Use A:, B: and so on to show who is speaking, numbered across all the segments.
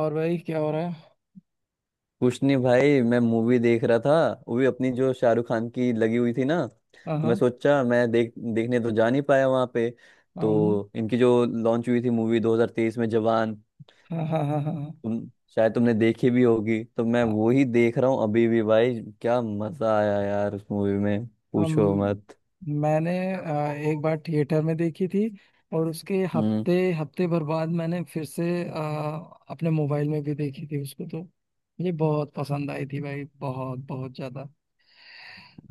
A: और भाई, क्या हो रहा है?
B: कुछ नहीं भाई, मैं मूवी देख रहा था। वो भी अपनी जो शाहरुख खान की लगी हुई थी ना,
A: हाँ,
B: तो मैं
A: हाँ।
B: सोचा, मैं देखने तो जा नहीं पाया वहां पे।
A: हम।
B: तो इनकी जो लॉन्च हुई थी मूवी 2023 में, जवान।
A: हाँ, हाँ, हाँ, हाँ,
B: तुम शायद तुमने देखी भी होगी, तो मैं
A: हाँ।
B: वो ही देख रहा हूँ अभी भी। भाई क्या मजा आया यार उस मूवी में, पूछो
A: हम।
B: मत।
A: मैंने एक बार थिएटर में देखी थी। और उसके हफ्ते हफ्ते भर बाद मैंने फिर से अपने मोबाइल में भी देखी थी उसको, तो मुझे बहुत पसंद आई थी भाई, बहुत बहुत ज्यादा।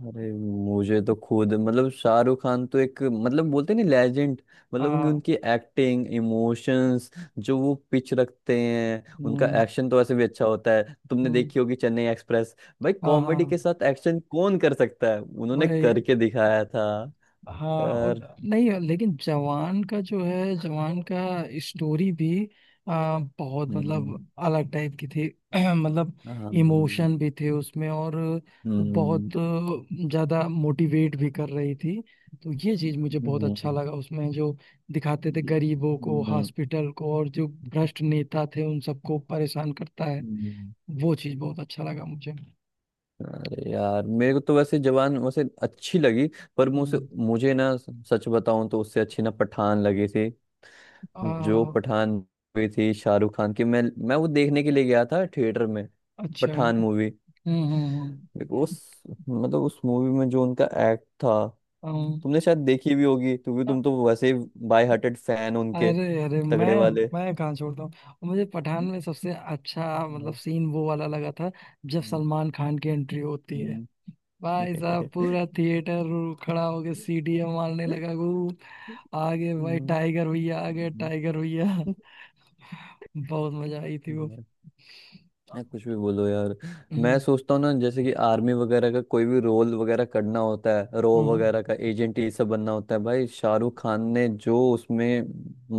B: अरे मुझे तो खुद मतलब शाहरुख खान तो एक, मतलब बोलते नहीं लेजेंड। मतलब उनकी
A: हाँ।
B: उनकी एक्टिंग, इमोशंस जो वो पिच रखते हैं, उनका
A: हम्म।
B: एक्शन तो वैसे भी अच्छा होता है। तुमने
A: हम्म।
B: देखी होगी चेन्नई एक्सप्रेस। भाई
A: हाँ,
B: कॉमेडी के
A: हाँ।
B: साथ एक्शन कौन कर सकता है, उन्होंने
A: वही।
B: करके दिखाया था।
A: हाँ।
B: और
A: और नहीं, लेकिन जवान का जो है, जवान का स्टोरी भी बहुत
B: हम्म,
A: मतलब अलग टाइप की थी। मतलब
B: हाँ,
A: इमोशन भी थे उसमें, और वो बहुत ज्यादा मोटिवेट भी कर रही थी। तो ये चीज मुझे बहुत
B: हम्म,
A: अच्छा
B: हम्म,
A: लगा उसमें, जो दिखाते थे गरीबों को,
B: हम्म,
A: हॉस्पिटल को, और जो भ्रष्ट नेता थे उन सबको परेशान करता है।
B: हम्म।
A: वो चीज बहुत अच्छा लगा मुझे।
B: अरे यार मेरे को तो वैसे जवान वैसे अच्छी लगी। पर मुझे
A: हम्म।
B: मुझे ना सच बताऊं तो उससे अच्छी ना पठान लगी थी। जो
A: आ,
B: पठान मूवी थी शाहरुख खान की, मैं वो देखने के लिए गया था थिएटर में।
A: अच्छा।
B: पठान
A: हम्म।
B: मूवी।
A: हम्म।
B: उस मतलब उस मूवी में जो उनका एक्ट था।
A: हम्म।
B: तुमने शायद देखी भी होगी क्योंकि
A: अम,
B: तुम तो वैसे ही बाय हार्टेड फैन उनके,
A: अरे अरे, मैं
B: तगड़े वाले।
A: मैं कहाँ छोड़ता हूँ। और मुझे पठान में सबसे अच्छा मतलब
B: हम्म,
A: सीन वो वाला लगा था, जब
B: हम्म,
A: सलमान खान की एंट्री होती है।
B: हम्म।
A: भाई साहब, पूरा थिएटर खड़ा होके सीटियां मारने लगा वो। आगे भाई
B: हम्म,
A: टाइगर भैया, आगे
B: हम्म,
A: टाइगर भैया। बहुत मजा आई थी वो।
B: हम्म। ना कुछ भी बोलो यार। मैं
A: हम्म।
B: सोचता हूँ ना, जैसे कि आर्मी वगैरह का कोई भी रोल वगैरह करना होता है, रो
A: हम्म।
B: वगैरह का एजेंट, ये सब बनना होता है, भाई शाहरुख खान ने जो उसमें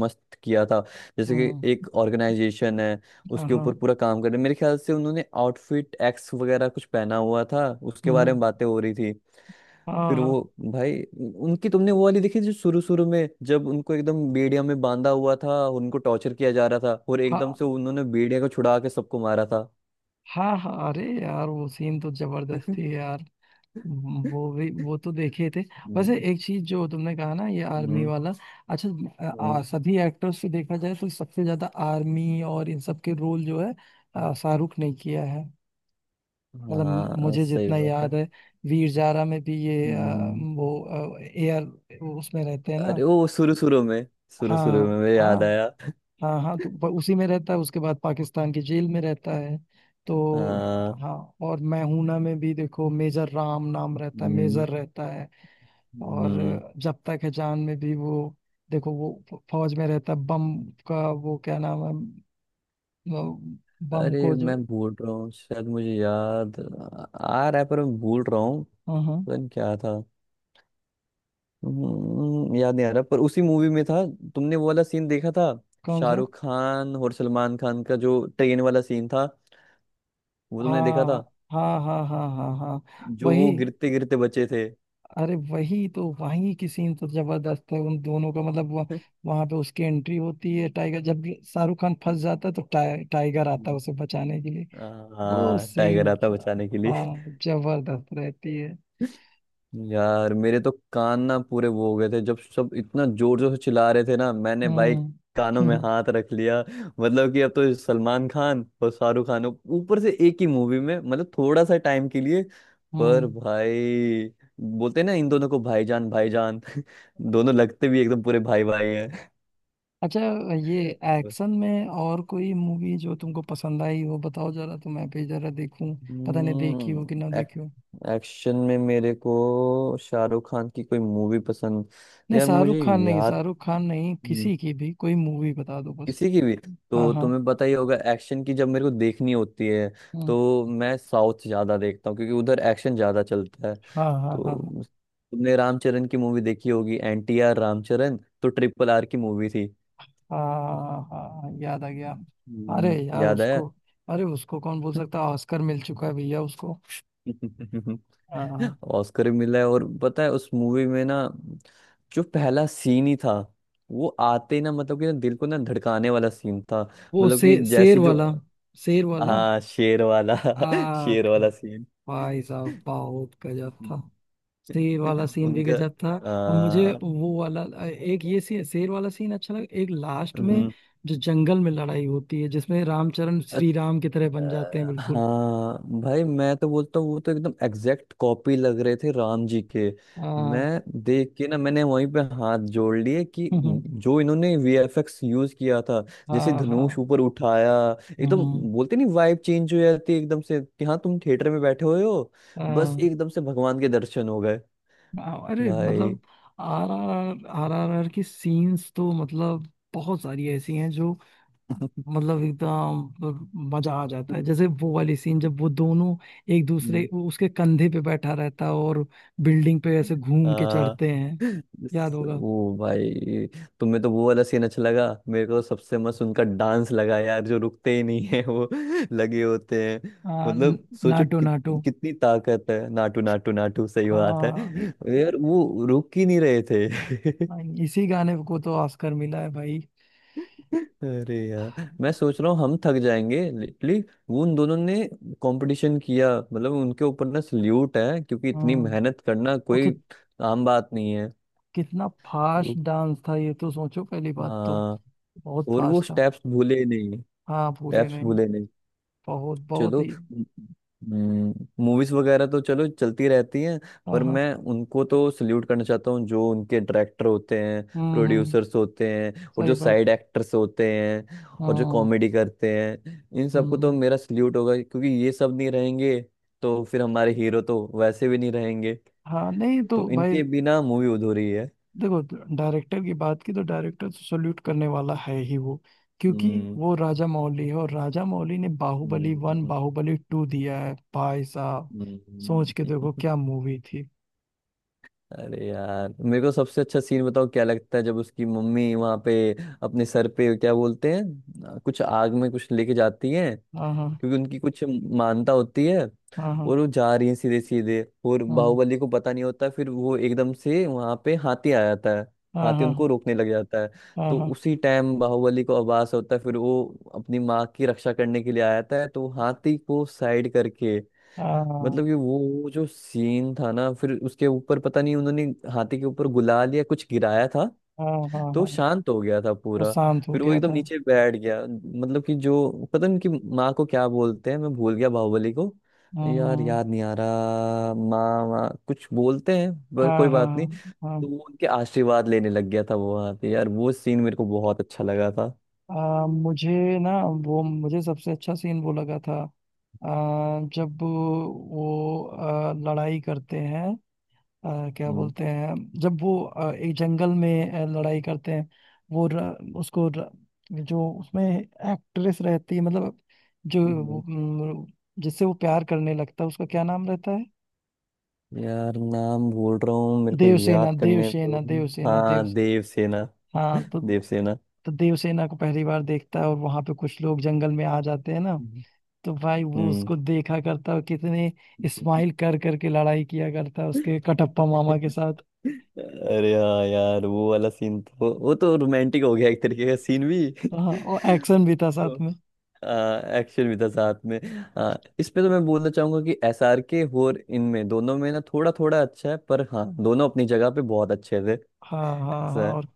B: मस्त किया था। जैसे कि
A: हम्म।
B: एक ऑर्गेनाइजेशन है, उसके
A: आहा।
B: ऊपर पूरा काम कर रहे हैं। मेरे ख्याल से उन्होंने आउटफिट एक्स वगैरह कुछ पहना हुआ था, उसके बारे
A: हम्म।
B: में बातें हो रही थी।
A: हाँ,
B: फिर
A: हाँ,
B: वो भाई, उनकी तुमने वो वाली देखी जो शुरू शुरू में जब उनको एकदम बेड़िया में बांधा हुआ था, उनको टॉर्चर किया जा रहा था, और एकदम
A: हाँ,
B: से उन्होंने बेड़िया को छुड़ा के सबको मारा था।
A: हाँ, हाँ। अरे यार, वो सीन तो जबरदस्त थी यार। वो भी, वो तो देखे थे।
B: हम्म,
A: वैसे एक चीज जो तुमने कहा ना, ये आर्मी
B: हम्म,
A: वाला। अच्छा, आ,
B: हम्म,
A: आ, सभी एक्टर्स से देखा जाए तो सबसे ज्यादा आर्मी और इन सब के रोल जो है शाहरुख ने किया है। मतलब
B: हाँ
A: मुझे
B: सही
A: जितना
B: बात है,
A: याद है, वीर जारा में भी ये
B: हम्म।
A: वो एयर उसमें रहते हैं ना।
B: अरे वो शुरू शुरू में शुरू शुरू
A: हाँ,
B: में मुझे
A: हाँ,
B: याद आया।
A: हाँ, हाँ। तो उसी में रहता है, उसके बाद पाकिस्तान की जेल में रहता है तो।
B: हाँ,
A: हाँ। और मैं हूं ना में भी देखो, मेजर राम नाम रहता है,
B: हम्म,
A: मेजर रहता है। और
B: हम्म।
A: जब तक है जान में भी वो देखो, वो फौज में रहता है। बम का वो क्या नाम है? वो बम
B: अरे
A: को जो।
B: मैं भूल रहा हूँ, शायद मुझे याद आ रहा है पर मैं भूल रहा हूँ,
A: हाँ, हाँ।
B: पता नहीं क्या था। याद नहीं आ रहा पर उसी मूवी में था। तुमने वो वाला सीन देखा था
A: कौन सा?
B: शाहरुख खान और सलमान खान का, जो ट्रेन वाला सीन था, वो तुमने देखा था,
A: हाँ, हाँ, हाँ, हाँ, हाँ। हाँ,
B: जो
A: वही।
B: वो गिरते गिरते बचे थे।
A: अरे वही तो, वही की सीन तो जबरदस्त है उन दोनों का, मतलब वह, वहां पे उसकी एंट्री होती है टाइगर, जब ये शाहरुख खान फंस जाता है तो टाइगर आता है उसे बचाने के लिए। वो
B: हाँ टाइगर
A: सीन,
B: आता बचाने के लिए।
A: हाँ जबरदस्त रहती है।
B: यार मेरे तो कान ना पूरे वो हो गए थे जब सब इतना जोर जोर से चिल्ला रहे थे ना, मैंने भाई कानों में
A: हम्म।
B: हाथ रख लिया। मतलब कि अब तो सलमान खान और शाहरुख खान ऊपर से एक ही मूवी में, मतलब थोड़ा सा टाइम के लिए,
A: हम्म।
B: पर भाई बोलते हैं ना इन दोनों को भाईजान भाईजान। दोनों लगते भी एकदम पूरे भाई भाई
A: अच्छा, ये एक्शन में और कोई मूवी जो तुमको पसंद आई हो बताओ जरा, तो मैं भी जरा देखूं। पता नहीं देखी हो कि ना
B: हैं।
A: देखी हो।
B: एक्शन में मेरे को शाहरुख खान की कोई मूवी पसंद।
A: नहीं,
B: यार
A: शाहरुख
B: मुझे
A: खान नहीं,
B: याद,
A: शाहरुख खान नहीं,
B: हम्म,
A: किसी की भी कोई मूवी बता दो बस।
B: किसी की भी।
A: हाँ,
B: तो
A: हाँ।
B: तुम्हें पता ही होगा, एक्शन की जब मेरे को देखनी होती है
A: हम्म।
B: तो मैं साउथ ज्यादा देखता हूँ क्योंकि उधर एक्शन ज्यादा चलता है।
A: हाँ, हाँ,
B: तो
A: हाँ, हाँ,
B: तुमने रामचरण की मूवी देखी होगी, NTR रामचरण, तो RRR की मूवी थी।
A: हाँ, हाँ, हाँ, याद आ गया। अरे यार
B: याद आया।
A: उसको, अरे उसको कौन बोल सकता? ऑस्कर मिल चुका है भैया उसको। हाँ, हाँ।
B: ऑस्कर भी मिला है। और पता है उस मूवी में ना, जो पहला सीन ही था, वो आते ही ना मतलब कि ना दिल को ना धड़काने वाला सीन था।
A: वो
B: मतलब कि
A: शेर
B: जैसी जो,
A: वाला। शेर वाला।
B: हाँ शेर वाला,
A: आख।
B: शेर वाला सीन।
A: भाई साहब बहुत गजब था। शेर वाला सीन भी
B: उनका
A: गजब था।
B: आ,
A: और मुझे वो वाला एक ये सी शेर वाला सीन अच्छा लगा एक लास्ट में।
B: हम्म,
A: जो जंगल में लड़ाई होती है, जिसमें रामचरण श्री राम की तरह बन जाते हैं बिल्कुल।
B: हाँ भाई मैं तो बोलता हूँ वो तो एकदम एग्जैक्ट कॉपी लग रहे थे राम जी के।
A: हाँ।
B: मैं देख के ना मैंने वहीं पे हाथ जोड़ लिए कि जो इन्होंने वीएफएक्स यूज किया था, जैसे
A: हाँ,
B: धनुष
A: हाँ।
B: ऊपर उठाया एकदम,
A: हम्म।
B: बोलते नहीं वाइब चेंज हो जाती है एकदम से कि हाँ तुम थिएटर में बैठे हुए हो, बस
A: हाँ,
B: एकदम से भगवान के दर्शन हो गए
A: हाँ। अरे
B: भाई।
A: मतलब आर आर आर की सीन्स तो, मतलब बहुत सारी ऐसी हैं जो, मतलब एकदम मतलब मजा आ जाता है। जैसे वो वाली सीन जब वो दोनों एक दूसरे वो उसके कंधे पे बैठा रहता है और बिल्डिंग पे ऐसे घूम के
B: हाँ
A: चढ़ते हैं, याद होगा।
B: वो भाई, तुम्हें तो वो वाला सीन अच्छा लगा। मेरे को तो सबसे मस्त उनका डांस लगा यार, जो रुकते ही नहीं है वो लगे होते हैं।
A: आ, न-
B: मतलब सोचो
A: नाटो
B: कि,
A: नाटो।
B: कितनी ताकत है। नाटू नाटू नाटू सही बात है।
A: हाँ,
B: यार वो रुक ही नहीं रहे थे।
A: इसी गाने को तो ऑस्कर मिला है भाई।
B: अरे यार मैं सोच रहा हूँ हम थक जाएंगे लिटली, वो उन दोनों ने कंपटीशन किया मतलब, उनके ऊपर ना सल्यूट है क्योंकि इतनी
A: हाँ
B: मेहनत करना
A: और
B: कोई आम बात नहीं है।
A: कितना फास्ट डांस था, ये तो सोचो पहली बात तो।
B: हाँ,
A: बहुत
B: और वो
A: फास्ट था।
B: स्टेप्स भूले नहीं,
A: हाँ, भूले
B: स्टेप्स
A: नहीं।
B: भूले नहीं।
A: बहुत बहुत
B: चलो,
A: ही।
B: मूवीज वगैरह तो चलो चलती रहती हैं।
A: हाँ,
B: पर
A: हाँ।
B: मैं उनको तो सल्यूट करना चाहता हूँ जो उनके डायरेक्टर होते हैं,
A: हम्म। हम्म।
B: प्रोड्यूसर्स होते हैं, और
A: सही
B: जो
A: बात।
B: साइड एक्टर्स होते हैं, और जो
A: हाँ।
B: कॉमेडी करते हैं, इन सबको तो
A: हम्म।
B: मेरा सल्यूट होगा। क्योंकि ये सब नहीं रहेंगे तो फिर हमारे हीरो तो वैसे भी नहीं रहेंगे,
A: हाँ, नहीं तो
B: तो
A: भाई,
B: इनके बिना मूवी अधूरी है।
A: देखो डायरेक्टर की बात की तो डायरेक्टर तो सल्यूट करने वाला है ही वो, क्योंकि
B: हम्म,
A: वो राजा मौली है, और राजा मौली ने बाहुबली वन
B: हम्म,
A: बाहुबली टू दिया है भाई साहब। सोच के देखो
B: हम्म।
A: क्या मूवी थी।
B: अरे यार मेरे को सबसे अच्छा सीन बताओ क्या लगता है, जब उसकी मम्मी वहां पे अपने सर पे क्या बोलते हैं, कुछ आग में कुछ लेके जाती है,
A: हाँ, हाँ,
B: क्योंकि उनकी कुछ मानता होती है,
A: हाँ,
B: और वो जा रही है सीधे सीधे, और
A: हाँ,
B: बाहुबली को पता नहीं होता, फिर वो एकदम से वहां पे हाथी आ जाता है,
A: हाँ,
B: हाथी
A: हाँ,
B: उनको रोकने लग जाता है,
A: हाँ, हाँ,
B: तो
A: हाँ,
B: उसी टाइम बाहुबली को आभास होता है, फिर वो अपनी माँ की रक्षा करने के लिए आ जाता है, तो वो हाथी को साइड करके, मतलब कि वो जो सीन था ना, फिर उसके ऊपर पता नहीं उन्होंने हाथी के ऊपर गुलाल या कुछ गिराया था
A: हाँ, हाँ, हाँ,
B: तो
A: हाँ,
B: शांत हो गया था
A: वो
B: पूरा,
A: शांत हो
B: फिर वो
A: गया
B: एकदम
A: था।
B: नीचे बैठ गया मतलब कि, जो पता नहीं कि माँ को क्या बोलते हैं, मैं भूल गया बाहुबली को।
A: हाँ,
B: यार याद
A: हाँ,
B: नहीं आ रहा, माँ माँ कुछ बोलते हैं पर कोई
A: हाँ, हाँ,
B: बात नहीं।
A: हाँ,
B: तो वो उनके आशीर्वाद लेने लग गया था वो वहां पे, यार वो सीन मेरे को बहुत अच्छा लगा था।
A: हाँ, मुझे ना, वो मुझे सबसे अच्छा सीन वो लगा था। अ, जब वो लड़ाई करते हैं, क्या
B: हम्म,
A: बोलते हैं, जब वो एक जंगल में लड़ाई करते हैं। वो र, उसको र, जो उसमें एक्ट्रेस रहती है, मतलब जो वो,
B: हम्म।
A: म, जिससे वो प्यार करने लगता है, उसका क्या नाम रहता है?
B: यार नाम भूल रहा हूँ, मेरे को
A: देवसेना,
B: याद करने दो।
A: देवसेना, देवसेना, देव
B: हाँ देवसेना।
A: हाँ।
B: देवसेना।
A: तो देवसेना को पहली बार देखता है, और वहां पे कुछ लोग जंगल में आ जाते हैं ना। तो भाई वो
B: हम्म।
A: उसको देखा करता, और कितने स्माइल कर करके लड़ाई किया करता उसके कटप्पा मामा के साथ।
B: अरे हाँ यार वो वाला सीन तो, वो तो रोमांटिक हो गया एक तरीके का सीन भी।
A: हाँ, और एक्शन भी था
B: तो
A: साथ में।
B: एक्शन भी था साथ में। आ, इसमें तो मैं बोलना चाहूंगा कि SRK और इनमें दोनों में ना थोड़ा थोड़ा अच्छा है, पर हाँ दोनों अपनी जगह पे बहुत अच्छे थे।
A: हाँ, हाँ, हाँ।
B: ऐसा है।
A: और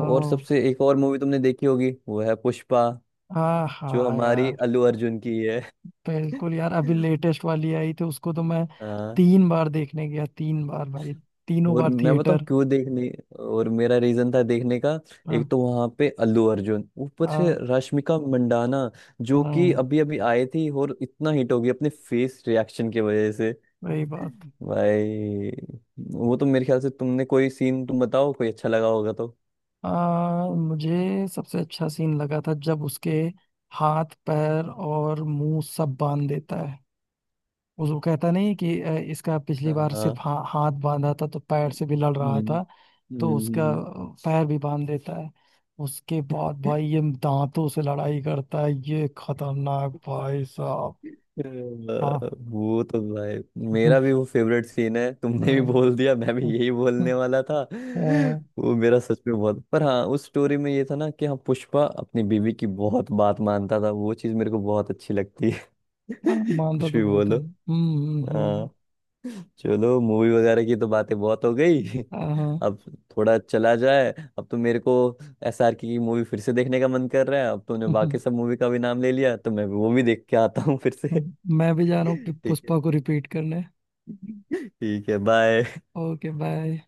B: और सबसे एक और मूवी तुमने देखी होगी, वो है पुष्पा,
A: हाँ,
B: जो
A: हाँ
B: हमारी
A: यार।
B: अल्लू अर्जुन की है।
A: बिल्कुल यार, अभी लेटेस्ट वाली आई थी उसको तो मैं तीन बार देखने गया, तीन बार भाई, तीनों
B: और
A: बार
B: मैं बताऊं
A: थिएटर।
B: क्यों देखने, और मेरा रीजन था देखने का,
A: हाँ,
B: एक तो वहां पे अल्लू अर्जुन, ऊपर से
A: हाँ,
B: रश्मिका मंडाना, जो कि
A: हाँ।
B: अभी अभी आई थी और इतना हिट हो गई अपने फेस रिएक्शन की वजह से।
A: वही बात।
B: भाई वो तो मेरे ख्याल से, तुमने कोई सीन तुम बताओ कोई अच्छा लगा होगा तो।
A: मुझे सबसे अच्छा सीन लगा था जब उसके हाथ पैर और मुंह सब बांध देता है। उस वो कहता नहीं कि इसका पिछली
B: हाँ,
A: बार सिर्फ
B: हाँ,
A: हाथ बांधा था, तो पैर से भी लड़
B: हम्म,
A: रहा था। तो
B: हम्म,
A: उसका
B: हम्म।
A: पैर भी बांध देता है। उसके बाद भाई ये दांतों से लड़ाई करता है, ये खतरनाक भाई साहब।
B: अ,
A: हाँ।
B: वो तो भाई मेरा भी वो फेवरेट सीन है,
A: अ,
B: तुमने भी
A: अ,
B: बोल दिया मैं भी यही बोलने वाला था। वो मेरा सच में बहुत, पर हाँ उस स्टोरी में ये था ना कि हाँ पुष्पा अपनी बीवी की बहुत बात मानता था, वो चीज मेरे को बहुत अच्छी लगती है।
A: मानता
B: कुछ
A: तो
B: भी
A: बहुत है।
B: बोलो।
A: हम्म। हम्म।
B: हाँ चलो, मूवी वगैरह की तो बातें बहुत हो गई।
A: हम्म।
B: अब थोड़ा चला जाए, अब तो मेरे को SR की मूवी फिर से देखने का मन कर रहा है। अब तुमने
A: हाँ।
B: बाकी सब मूवी का भी नाम ले लिया तो मैं वो भी देख के आता हूँ फिर से।
A: मैं भी जा रहा हूँ
B: ठीक है,
A: पुष्पा को रिपीट करने।
B: ठीक है बाय।
A: Okay, bye.